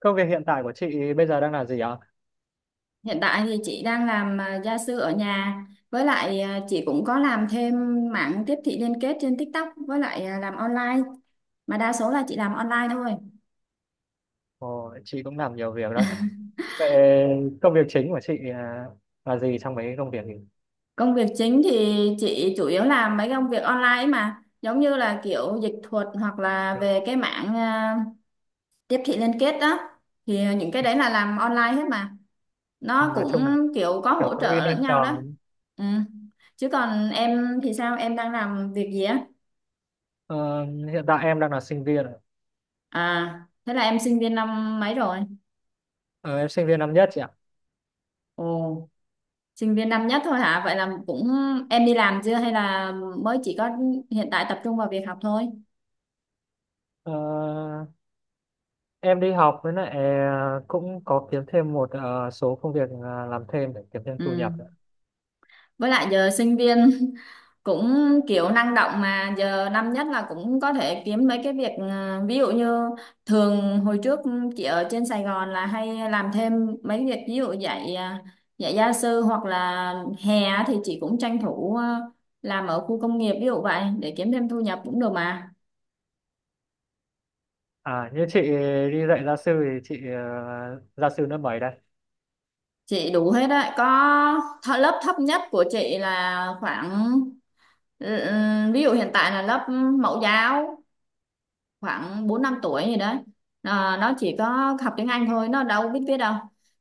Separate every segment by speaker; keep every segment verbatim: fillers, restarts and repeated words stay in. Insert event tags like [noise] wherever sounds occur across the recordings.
Speaker 1: Công việc hiện tại của chị bây giờ đang là gì ạ?
Speaker 2: Hiện tại thì chị đang làm à, gia sư ở nhà, với lại à, chị cũng có làm thêm mảng tiếp thị liên kết trên TikTok, với lại à, làm online, mà đa số là chị làm online thôi.
Speaker 1: Ồ, chị cũng làm nhiều việc đấy. Vậy công việc chính của chị à, là gì trong mấy công việc thì
Speaker 2: Công việc chính thì chị chủ yếu làm mấy công việc online ấy, mà giống như là kiểu dịch thuật hoặc là
Speaker 1: Kiểu,
Speaker 2: về cái mảng à, tiếp thị liên kết đó, thì à, những cái đấy là làm online hết mà nó
Speaker 1: nói
Speaker 2: cũng
Speaker 1: chung là
Speaker 2: kiểu có
Speaker 1: kiểu
Speaker 2: hỗ trợ lẫn nhau đó.
Speaker 1: freelancer.
Speaker 2: Ừ. Chứ còn em thì sao? Em đang làm việc gì á?
Speaker 1: Ờ, Hiện tại em đang là sinh viên. ạ.
Speaker 2: À, thế là em sinh viên năm mấy rồi?
Speaker 1: Ờ, em sinh viên năm nhất chị ạ.
Speaker 2: Ồ, sinh viên năm nhất thôi hả? Vậy là cũng em đi làm chưa hay là mới chỉ có hiện tại tập trung vào việc học thôi?
Speaker 1: Ờ, em đi học với lại ờ, cũng có kiếm thêm một ờ, số công việc ờ, làm thêm để kiếm thêm thu
Speaker 2: Ừ.
Speaker 1: nhập. ạ.
Speaker 2: Với lại giờ sinh viên [laughs] cũng kiểu năng động mà, giờ năm nhất là cũng có thể kiếm mấy cái việc, ờ, ví dụ như thường hồi trước chị ở trên Sài Gòn là hay làm thêm mấy việc, ví dụ dạy ờ, dạy gia sư, hoặc là hè á thì chị cũng tranh thủ ờ, làm ở khu công nghiệp ví dụ vậy để kiếm thêm thu nhập cũng được mà.
Speaker 1: À, như chị đi dạy gia sư thì chị ờ, gia sư lớp mấy đây?
Speaker 2: Chị đủ hết đấy, có th lớp thấp nhất của chị là khoảng, ừ, ừ, ví dụ hiện tại là lớp mẫu giáo, khoảng bốn năm tuổi gì đấy. Ờ, nó chỉ có học tiếng Anh thôi, nó đâu biết viết đâu.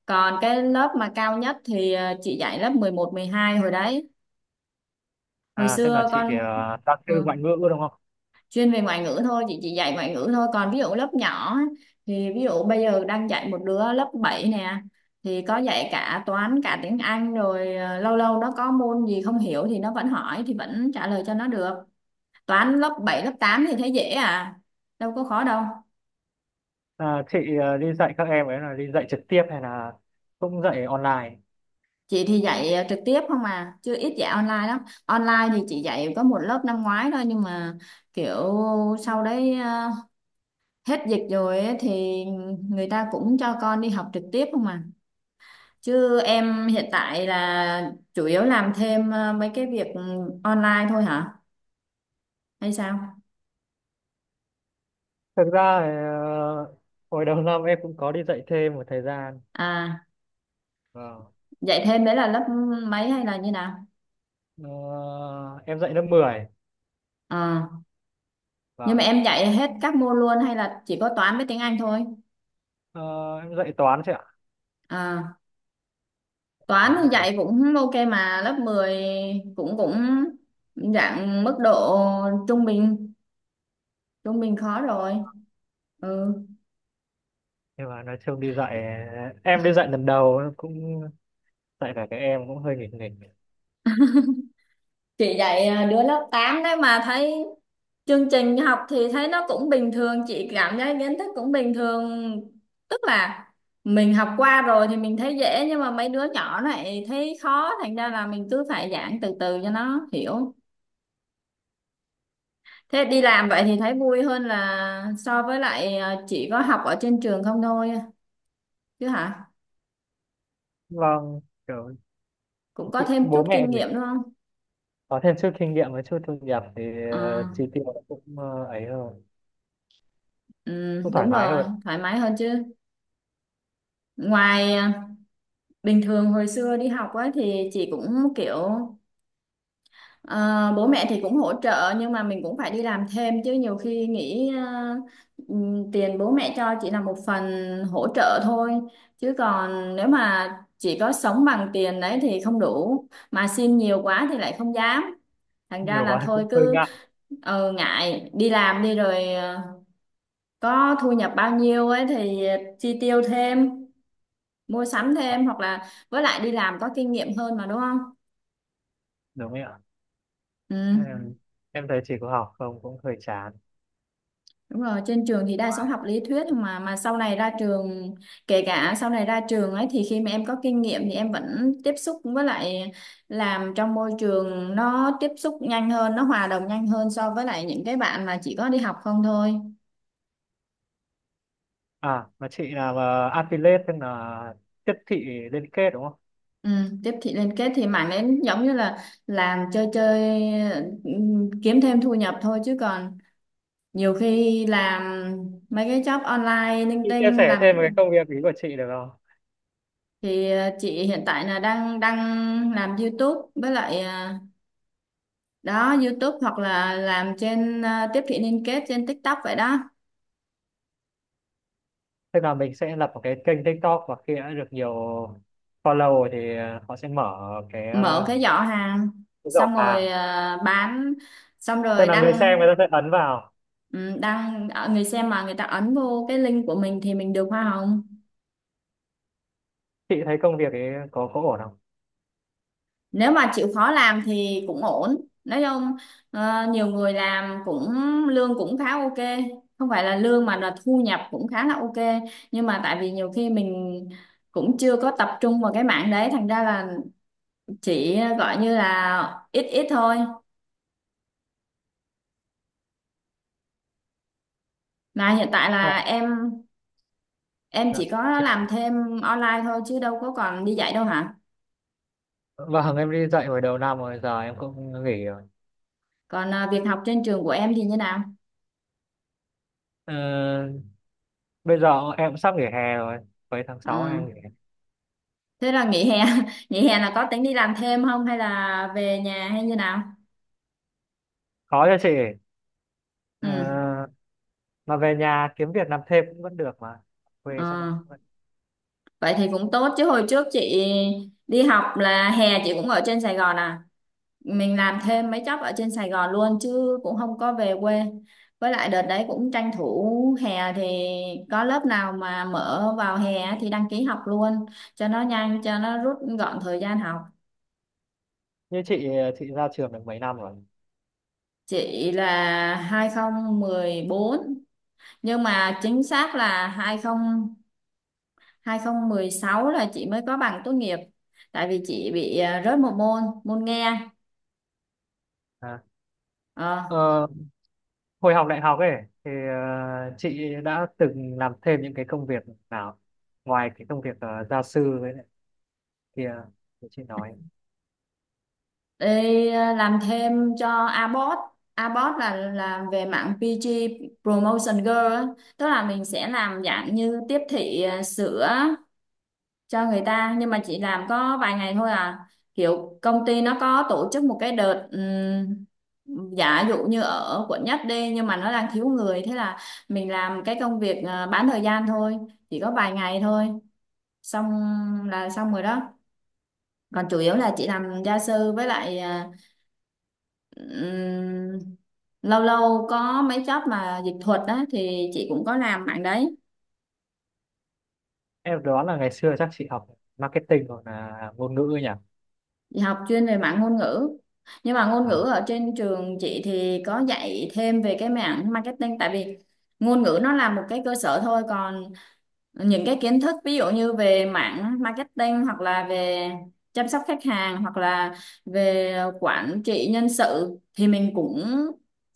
Speaker 2: Còn cái lớp mà cao nhất thì ờ, chị dạy lớp mười một mười hai hồi đấy. Hồi
Speaker 1: À, tức là
Speaker 2: xưa
Speaker 1: chị
Speaker 2: con
Speaker 1: ờ, gia
Speaker 2: ừ,
Speaker 1: sư ngoại ngữ đúng không?
Speaker 2: chuyên về ngoại ngữ thôi, chị chỉ dạy ngoại ngữ thôi, còn ví dụ lớp nhỏ á, thì ví dụ bây giờ đang dạy một đứa lớp bảy nè, thì có dạy cả toán cả tiếng Anh rồi, ờ, lâu lâu nó có môn gì không hiểu thì nó vẫn hỏi thì vẫn trả lời cho nó được. Toán lớp bảy lớp tám thì thấy dễ à, đâu có khó đâu.
Speaker 1: À, chị ờ, đi dạy các em ấy là đi dạy trực tiếp hay là cũng dạy online?
Speaker 2: Chị thì dạy ờ, trực tiếp không à, chứ ít dạy online lắm. Online thì chị dạy có một lớp năm ngoái thôi, nhưng mà kiểu sau đấy ờ, hết dịch rồi ấy, thì người ta cũng cho con đi học trực tiếp không à. Chứ em hiện tại là chủ yếu làm thêm ờ, mấy cái việc online thôi hả? Hay sao?
Speaker 1: Thực ra thì, ờ, hồi đầu năm em cũng có đi dạy thêm một thời gian.
Speaker 2: À,
Speaker 1: Vâng.
Speaker 2: dạy thêm đấy là lớp mấy hay là như nào?
Speaker 1: Ờ, em dạy lớp mười.
Speaker 2: Ờ, nhưng mà
Speaker 1: Vâng.
Speaker 2: em dạy hết các môn luôn hay là chỉ có toán với tiếng Anh thôi?
Speaker 1: Ờ, em dạy toán chị ạ.
Speaker 2: À, toán
Speaker 1: Toán một
Speaker 2: thì
Speaker 1: thời.
Speaker 2: dạy cũng ok mà, lớp mười cũng cũng dạng mức độ trung bình, trung bình khó rồi. Ừ.
Speaker 1: Nhưng mà nói chung đi dạy, em đi dạy lần đầu cũng dạy cả các em cũng hơi nghịch nghịch.
Speaker 2: Chị dạy à, đứa lớp tám đấy mà thấy chương trình học thì thấy nó cũng bình thường, chị cảm thấy kiến thức cũng bình thường, tức là mình học qua rồi thì mình thấy dễ, nhưng mà mấy đứa nhỏ này thấy khó, thành ra là mình cứ phải giảng từ từ cho nó hiểu. Thế đi làm vậy thì thấy vui hơn là so với lại à, chỉ có học ở trên trường không thôi chứ hả,
Speaker 1: Vâng, kiểu
Speaker 2: cũng có
Speaker 1: chị-
Speaker 2: thêm chút
Speaker 1: bố mẹ
Speaker 2: kinh
Speaker 1: thì
Speaker 2: nghiệm đúng không.
Speaker 1: có thêm chút kinh nghiệm và chút thu nhập thì
Speaker 2: Ờ,
Speaker 1: ờ, chi tiêu cũng ờ, ấy hơn,
Speaker 2: ừ,
Speaker 1: cũng thoải
Speaker 2: đúng
Speaker 1: mái
Speaker 2: rồi.
Speaker 1: hơn.
Speaker 2: Thoải mái hơn chứ. Ngoài à, bình thường hồi xưa đi học á thì chị cũng kiểu ờ, bố mẹ thì cũng hỗ trợ, nhưng mà mình cũng phải đi làm thêm chứ, nhiều khi nghĩ, ờ, ừm, tiền bố mẹ cho chỉ là một phần hỗ trợ thôi, chứ còn nếu mà chỉ có sống bằng tiền đấy thì không đủ, mà xin nhiều quá thì lại không dám, thành ra
Speaker 1: Nhiều
Speaker 2: là
Speaker 1: quá cũng
Speaker 2: thôi
Speaker 1: hơi
Speaker 2: cứ
Speaker 1: ngại.
Speaker 2: ờ, ngại đi làm đi rồi ờ, có thu nhập bao nhiêu ấy thì chi tiêu thêm, mua sắm
Speaker 1: Vâng,
Speaker 2: thêm, hoặc là với lại đi làm có kinh nghiệm hơn mà, đúng không?
Speaker 1: Đúng rồi ạ.
Speaker 2: Ừ,
Speaker 1: Ừ. Em thấy chị có học không cũng hơi chán.
Speaker 2: đúng rồi, trên trường thì đa số học lý thuyết, mà mà sau này ra trường, kể cả sau này ra trường ấy, thì khi mà em có kinh nghiệm thì em vẫn tiếp xúc với lại làm trong môi trường, nó tiếp xúc nhanh hơn, nó hòa đồng nhanh hơn so với lại những cái bạn mà chỉ có đi học không thôi.
Speaker 1: À, mà chị làm uh, affiliate tức là tiếp thị liên kết đúng không?
Speaker 2: Ừ, tiếp thị liên kết thì mảng đấy giống như là làm chơi chơi, ừ, kiếm thêm thu nhập thôi, chứ còn nhiều khi làm mấy cái job online linh
Speaker 1: Chị chia
Speaker 2: tinh
Speaker 1: sẻ
Speaker 2: làm.
Speaker 1: thêm về cái công việc ý của chị được không?
Speaker 2: Thì ờ, chị hiện tại là đang đang làm YouTube với lại ờ, đó, YouTube hoặc là làm trên ờ, tiếp thị liên kết trên TikTok vậy đó.
Speaker 1: Tức là mình sẽ lập một cái kênh TikTok và khi đã được nhiều follow rồi thì ờ, họ sẽ mở cái,
Speaker 2: Mở
Speaker 1: ờ,
Speaker 2: cái giỏ hàng,
Speaker 1: cái giỏ
Speaker 2: xong rồi
Speaker 1: hàng.
Speaker 2: ờ, bán, xong
Speaker 1: Tức
Speaker 2: rồi
Speaker 1: là người
Speaker 2: đăng,
Speaker 1: xem người ta sẽ ấn vào.
Speaker 2: ừ, đăng, ờ, người xem mà người ta ấn vô cái link của mình thì mình được hoa hồng.
Speaker 1: Chị thấy công việc ấy có có ổn không?
Speaker 2: Nếu mà chịu khó làm thì cũng ổn, nói chung ờ, nhiều người làm cũng lương cũng khá ok, không phải là lương mà là thu nhập cũng khá là ok, nhưng mà tại vì nhiều khi mình cũng chưa có tập trung vào cái mảng đấy, thành ra là chỉ ờ, gọi như là ít ít thôi. Mà hiện tại
Speaker 1: Ờ,
Speaker 2: là em em
Speaker 1: dạ.
Speaker 2: chỉ có
Speaker 1: Chị-
Speaker 2: làm thêm online thôi chứ đâu có còn đi dạy đâu hả?
Speaker 1: Vâng, em đi dạy hồi đầu năm rồi, giờ em cũng nghỉ rồi.
Speaker 2: Còn ờ, việc học trên trường của em thì như nào?
Speaker 1: Ờ, Bây giờ em cũng sắp nghỉ hè rồi, cuối tháng sáu
Speaker 2: Ờ,
Speaker 1: em nghỉ.
Speaker 2: Thế là nghỉ hè [laughs] nghỉ hè là có tính đi làm thêm không hay là về nhà hay như nào?
Speaker 1: Có cho chị.
Speaker 2: Ừ.
Speaker 1: Ờ, mà về nhà kiếm việc làm thêm cũng vẫn được mà, quê chắc
Speaker 2: ờ,
Speaker 1: cũng vẫn.
Speaker 2: Vậy thì cũng tốt chứ, hồi trước chị đi học là hè chị cũng ở trên Sài Gòn à, mình làm thêm mấy job ở trên Sài Gòn luôn chứ cũng không có về quê, với lại đợt đấy cũng tranh thủ hè thì có lớp nào mà mở vào hè á thì đăng ký học luôn cho nó nhanh, cho nó rút gọn thời gian học.
Speaker 1: Như chị chị ra trường được mấy năm rồi?
Speaker 2: Chị là hai không một bốn, nhưng mà chính xác là hai không hai không một sáu là chị mới có bằng tốt nghiệp, tại vì chị bị à, rớt một môn, môn nghe.
Speaker 1: À. ờ,
Speaker 2: ờ,
Speaker 1: hồi học đại học ấy thì ờ, chị đã từng làm thêm những cái công việc nào ngoài cái công việc ờ, gia sư với lại kia thì chị nói,
Speaker 2: Đi à, làm thêm cho Abot, Abot là làm về mạng pi gi, Promotion Girl á. Tức là mình sẽ làm dạng như tiếp thị à, sữa cho người ta, nhưng mà chị làm có vài ngày thôi à, kiểu công ty nó có tổ chức một cái đợt, ừm, giả dụ như ở quận nhất đi, nhưng mà nó đang thiếu người, thế là mình làm cái công việc ờ, bán thời gian thôi, chỉ có vài ngày thôi, xong là xong rồi đó. Còn chủ yếu là chị làm gia sư với lại ờ, ừm, lâu lâu có mấy job mà dịch thuật á thì chị cũng có làm mạng đấy.
Speaker 1: em đoán là ngày xưa chắc chị học marketing hoặc là ngôn ngữ ấy nhỉ.
Speaker 2: Chị học chuyên về mảng ngôn ngữ. Nhưng mà ngôn ngữ
Speaker 1: À,
Speaker 2: ở trên trường chị thì có dạy thêm về cái mảng marketing, tại vì ngôn ngữ nó là một cái cơ sở thôi, còn những cái kiến thức ví dụ như về mảng marketing hoặc là về chăm sóc khách hàng hoặc là về quản trị nhân sự thì mình cũng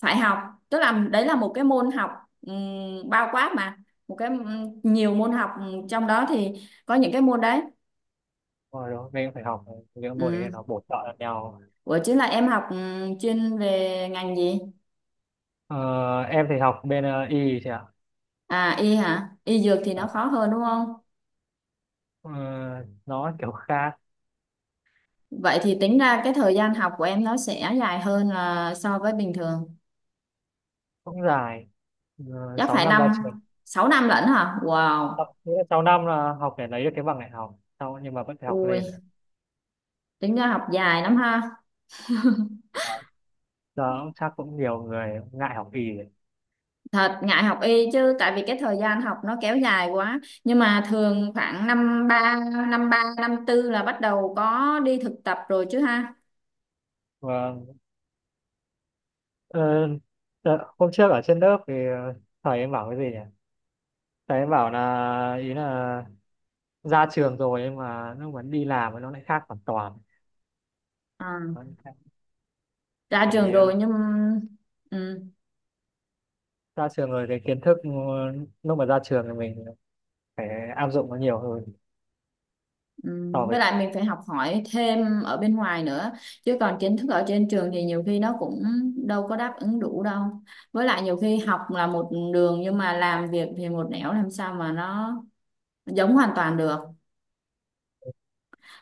Speaker 2: phải học. Tức là đấy là một cái môn học ừm, bao quát mà, một cái ừm, nhiều môn học ừm, trong đó thì có những cái môn đấy.
Speaker 1: hồi đó mình cũng phải học những môn đấy để nó bổ trợ lẫn nhau.
Speaker 2: Ủa chứ là em học, ừ, chuyên về ngành gì?
Speaker 1: Ờ, em thì học bên ờ, y chị ạ.
Speaker 2: À, y hả? Y dược thì
Speaker 1: Ờ,
Speaker 2: nó khó hơn đúng không?
Speaker 1: ờ, nó kiểu khác,
Speaker 2: Vậy thì tính ra cái thời gian học của em nó sẽ dài hơn là so với bình thường.
Speaker 1: cũng dài, uh,
Speaker 2: Chắc
Speaker 1: sáu
Speaker 2: phải
Speaker 1: năm ra
Speaker 2: năm,
Speaker 1: trường.
Speaker 2: sáu năm lận hả? Wow.
Speaker 1: Học- nghĩa là sáu năm là học để lấy được cái bằng đại học sau nhưng mà vẫn phải học lên.
Speaker 2: Ui, tính ra học dài lắm ha.
Speaker 1: Vâng. Giờ chắc cũng nhiều người ngại học y đấy.
Speaker 2: Thật ngại học y chứ, tại vì cái thời gian học nó kéo dài quá. Nhưng mà thường khoảng năm ba, năm ba năm tư là bắt đầu có đi thực tập rồi chứ ha.
Speaker 1: Vâng. Ờ, đợ- Hôm trước ở trên lớp thì ờ, thầy em bảo cái gì nhỉ, thầy em bảo là ý là ra trường rồi nhưng mà nó vẫn đi làm nó lại khác hoàn toàn.
Speaker 2: À,
Speaker 1: Nó lại khác.
Speaker 2: ra
Speaker 1: Bởi vì
Speaker 2: trường
Speaker 1: ờ,
Speaker 2: rồi nhưng ừ.
Speaker 1: ra trường rồi cái kiến thức ờ, lúc mà ra trường thì mình phải áp dụng nó nhiều hơn so
Speaker 2: Ừm, với
Speaker 1: với.
Speaker 2: lại mình phải học hỏi thêm ở bên ngoài nữa, chứ còn kiến thức ở trên trường thì nhiều khi nó cũng đâu có đáp ứng đủ đâu, với lại nhiều khi học là một đường nhưng mà làm việc thì một nẻo, làm sao mà nó giống hoàn toàn được.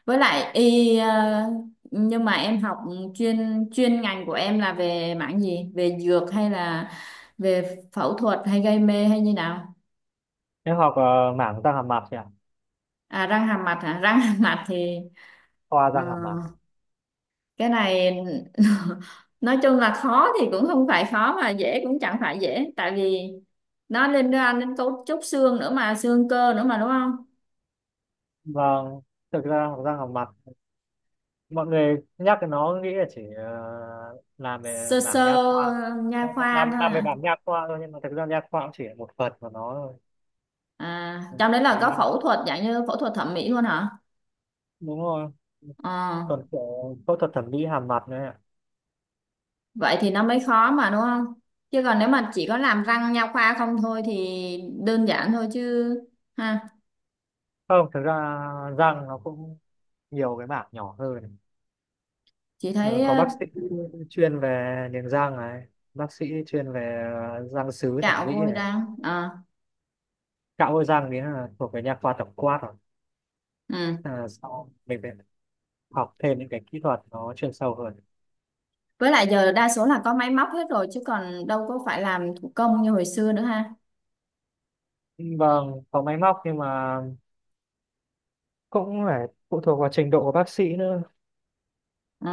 Speaker 2: Với lại y ờ, nhưng mà em học chuyên chuyên ngành của em là về mảng gì, về dược hay là về phẫu thuật hay gây mê hay như nào?
Speaker 1: Em học ờ, mảng răng hàm mặt nhỉ,
Speaker 2: À, răng hàm mặt hả? Răng hàm mặt thì
Speaker 1: khoa
Speaker 2: ờ,
Speaker 1: răng hàm mặt.
Speaker 2: cái này [laughs] nói chung là khó thì cũng không phải khó mà dễ cũng chẳng phải dễ, tại vì nó liên quan đến cấu trúc xương nữa mà xương cơ nữa mà, đúng không?
Speaker 1: Vâng. Thực ra học răng học mặt, mọi người nhắc đến nó nghĩ là chỉ ờ, làm về
Speaker 2: Sơ
Speaker 1: mảng
Speaker 2: sơ
Speaker 1: nha khoa,
Speaker 2: nha
Speaker 1: làm
Speaker 2: khoa thôi
Speaker 1: làm về
Speaker 2: à?
Speaker 1: mảng nha khoa thôi nhưng mà thực ra nha khoa cũng chỉ là một phần của nó thôi.
Speaker 2: À, trong đấy là có
Speaker 1: Ừ,
Speaker 2: phẫu thuật dạng như phẫu thuật thẩm mỹ luôn hả?
Speaker 1: đúng rồi.
Speaker 2: Ờ,
Speaker 1: Còn kiểu phẫu thuật thẩm mỹ hàm mặt nữa ạ.
Speaker 2: vậy thì nó mới khó mà, đúng không, chứ còn nếu mà chỉ có làm răng nha khoa không thôi thì đơn giản thôi chứ ha.
Speaker 1: Không, thực ra răng nó cũng nhiều cái mảng nhỏ hơn.
Speaker 2: Chị
Speaker 1: Ờ,
Speaker 2: thấy
Speaker 1: có
Speaker 2: ờ,
Speaker 1: bác sĩ chuyên về niềng răng này, bác sĩ chuyên về răng sứ thẩm
Speaker 2: cạo
Speaker 1: mỹ
Speaker 2: vôi
Speaker 1: này,
Speaker 2: răng. Ờ,
Speaker 1: cạo hôi răng đấy là thuộc về nha khoa tổng quát rồi.
Speaker 2: ừ.
Speaker 1: À, sau mình phải học thêm những cái kỹ thuật nó chuyên sâu hơn.
Speaker 2: Với lại giờ đa số là có máy móc hết rồi chứ còn đâu có phải làm thủ công như hồi xưa nữa ha.
Speaker 1: Vâng, có máy móc nhưng mà cũng phải phụ thuộc vào trình độ của bác sĩ nữa.
Speaker 2: Ừ.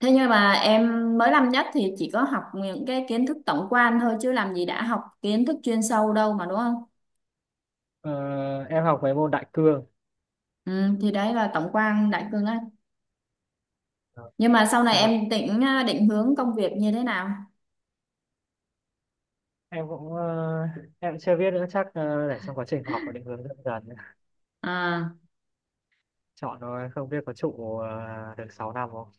Speaker 2: Thế nhưng mà em mới năm nhất thì chỉ có học những cái kiến thức tổng quan thôi, chứ làm gì đã học kiến thức chuyên sâu đâu mà đúng không?
Speaker 1: Ờ, em học mấy môn đại cương.
Speaker 2: Ừ, thì đấy là tổng quan, đại cương á.
Speaker 1: Ờ.
Speaker 2: Nhưng mà sau này
Speaker 1: Xong là
Speaker 2: em định định hướng công việc như thế nào?
Speaker 1: em cũng ờ, em chưa biết nữa, chắc ờ, để trong quá trình học và định hướng dần dần
Speaker 2: À,
Speaker 1: chọn, rồi không biết có trụ ờ, được sáu năm không.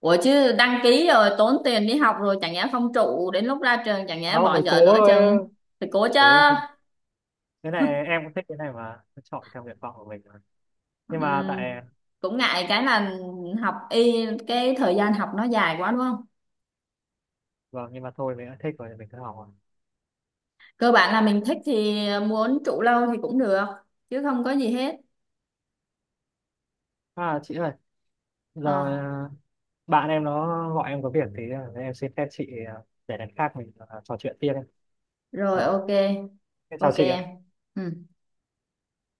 Speaker 2: ủa chứ đăng ký rồi, tốn tiền đi học rồi, chẳng nhẽ không trụ đến lúc ra trường, chẳng
Speaker 1: À,
Speaker 2: nhẽ
Speaker 1: không,
Speaker 2: bỏ
Speaker 1: mới cố
Speaker 2: dở nửa
Speaker 1: thôi em.
Speaker 2: chừng? Thì cố
Speaker 1: Mới
Speaker 2: chứ.
Speaker 1: cố thôi. Cái này em cũng thích, cái này mà chọn theo nguyện vọng của mình mà. Nhưng mà
Speaker 2: Ừm,
Speaker 1: tại.
Speaker 2: cũng ngại cái là học y, cái thời gian học nó dài quá đúng không,
Speaker 1: Vâng, nhưng mà thôi mình đã thích rồi thì mình cứ học rồi.
Speaker 2: cơ bản là mình thích thì muốn trụ lâu thì cũng được chứ không có gì hết.
Speaker 1: À chị ơi, giờ
Speaker 2: Ờ,
Speaker 1: bạn em nó gọi em có việc thì em xin phép chị ờ, để lần khác mình ờ, trò chuyện tiếp em.
Speaker 2: rồi
Speaker 1: Vâng.
Speaker 2: ok.
Speaker 1: Thế Chào
Speaker 2: Ok
Speaker 1: chị
Speaker 2: em.
Speaker 1: ạ.
Speaker 2: Ừ.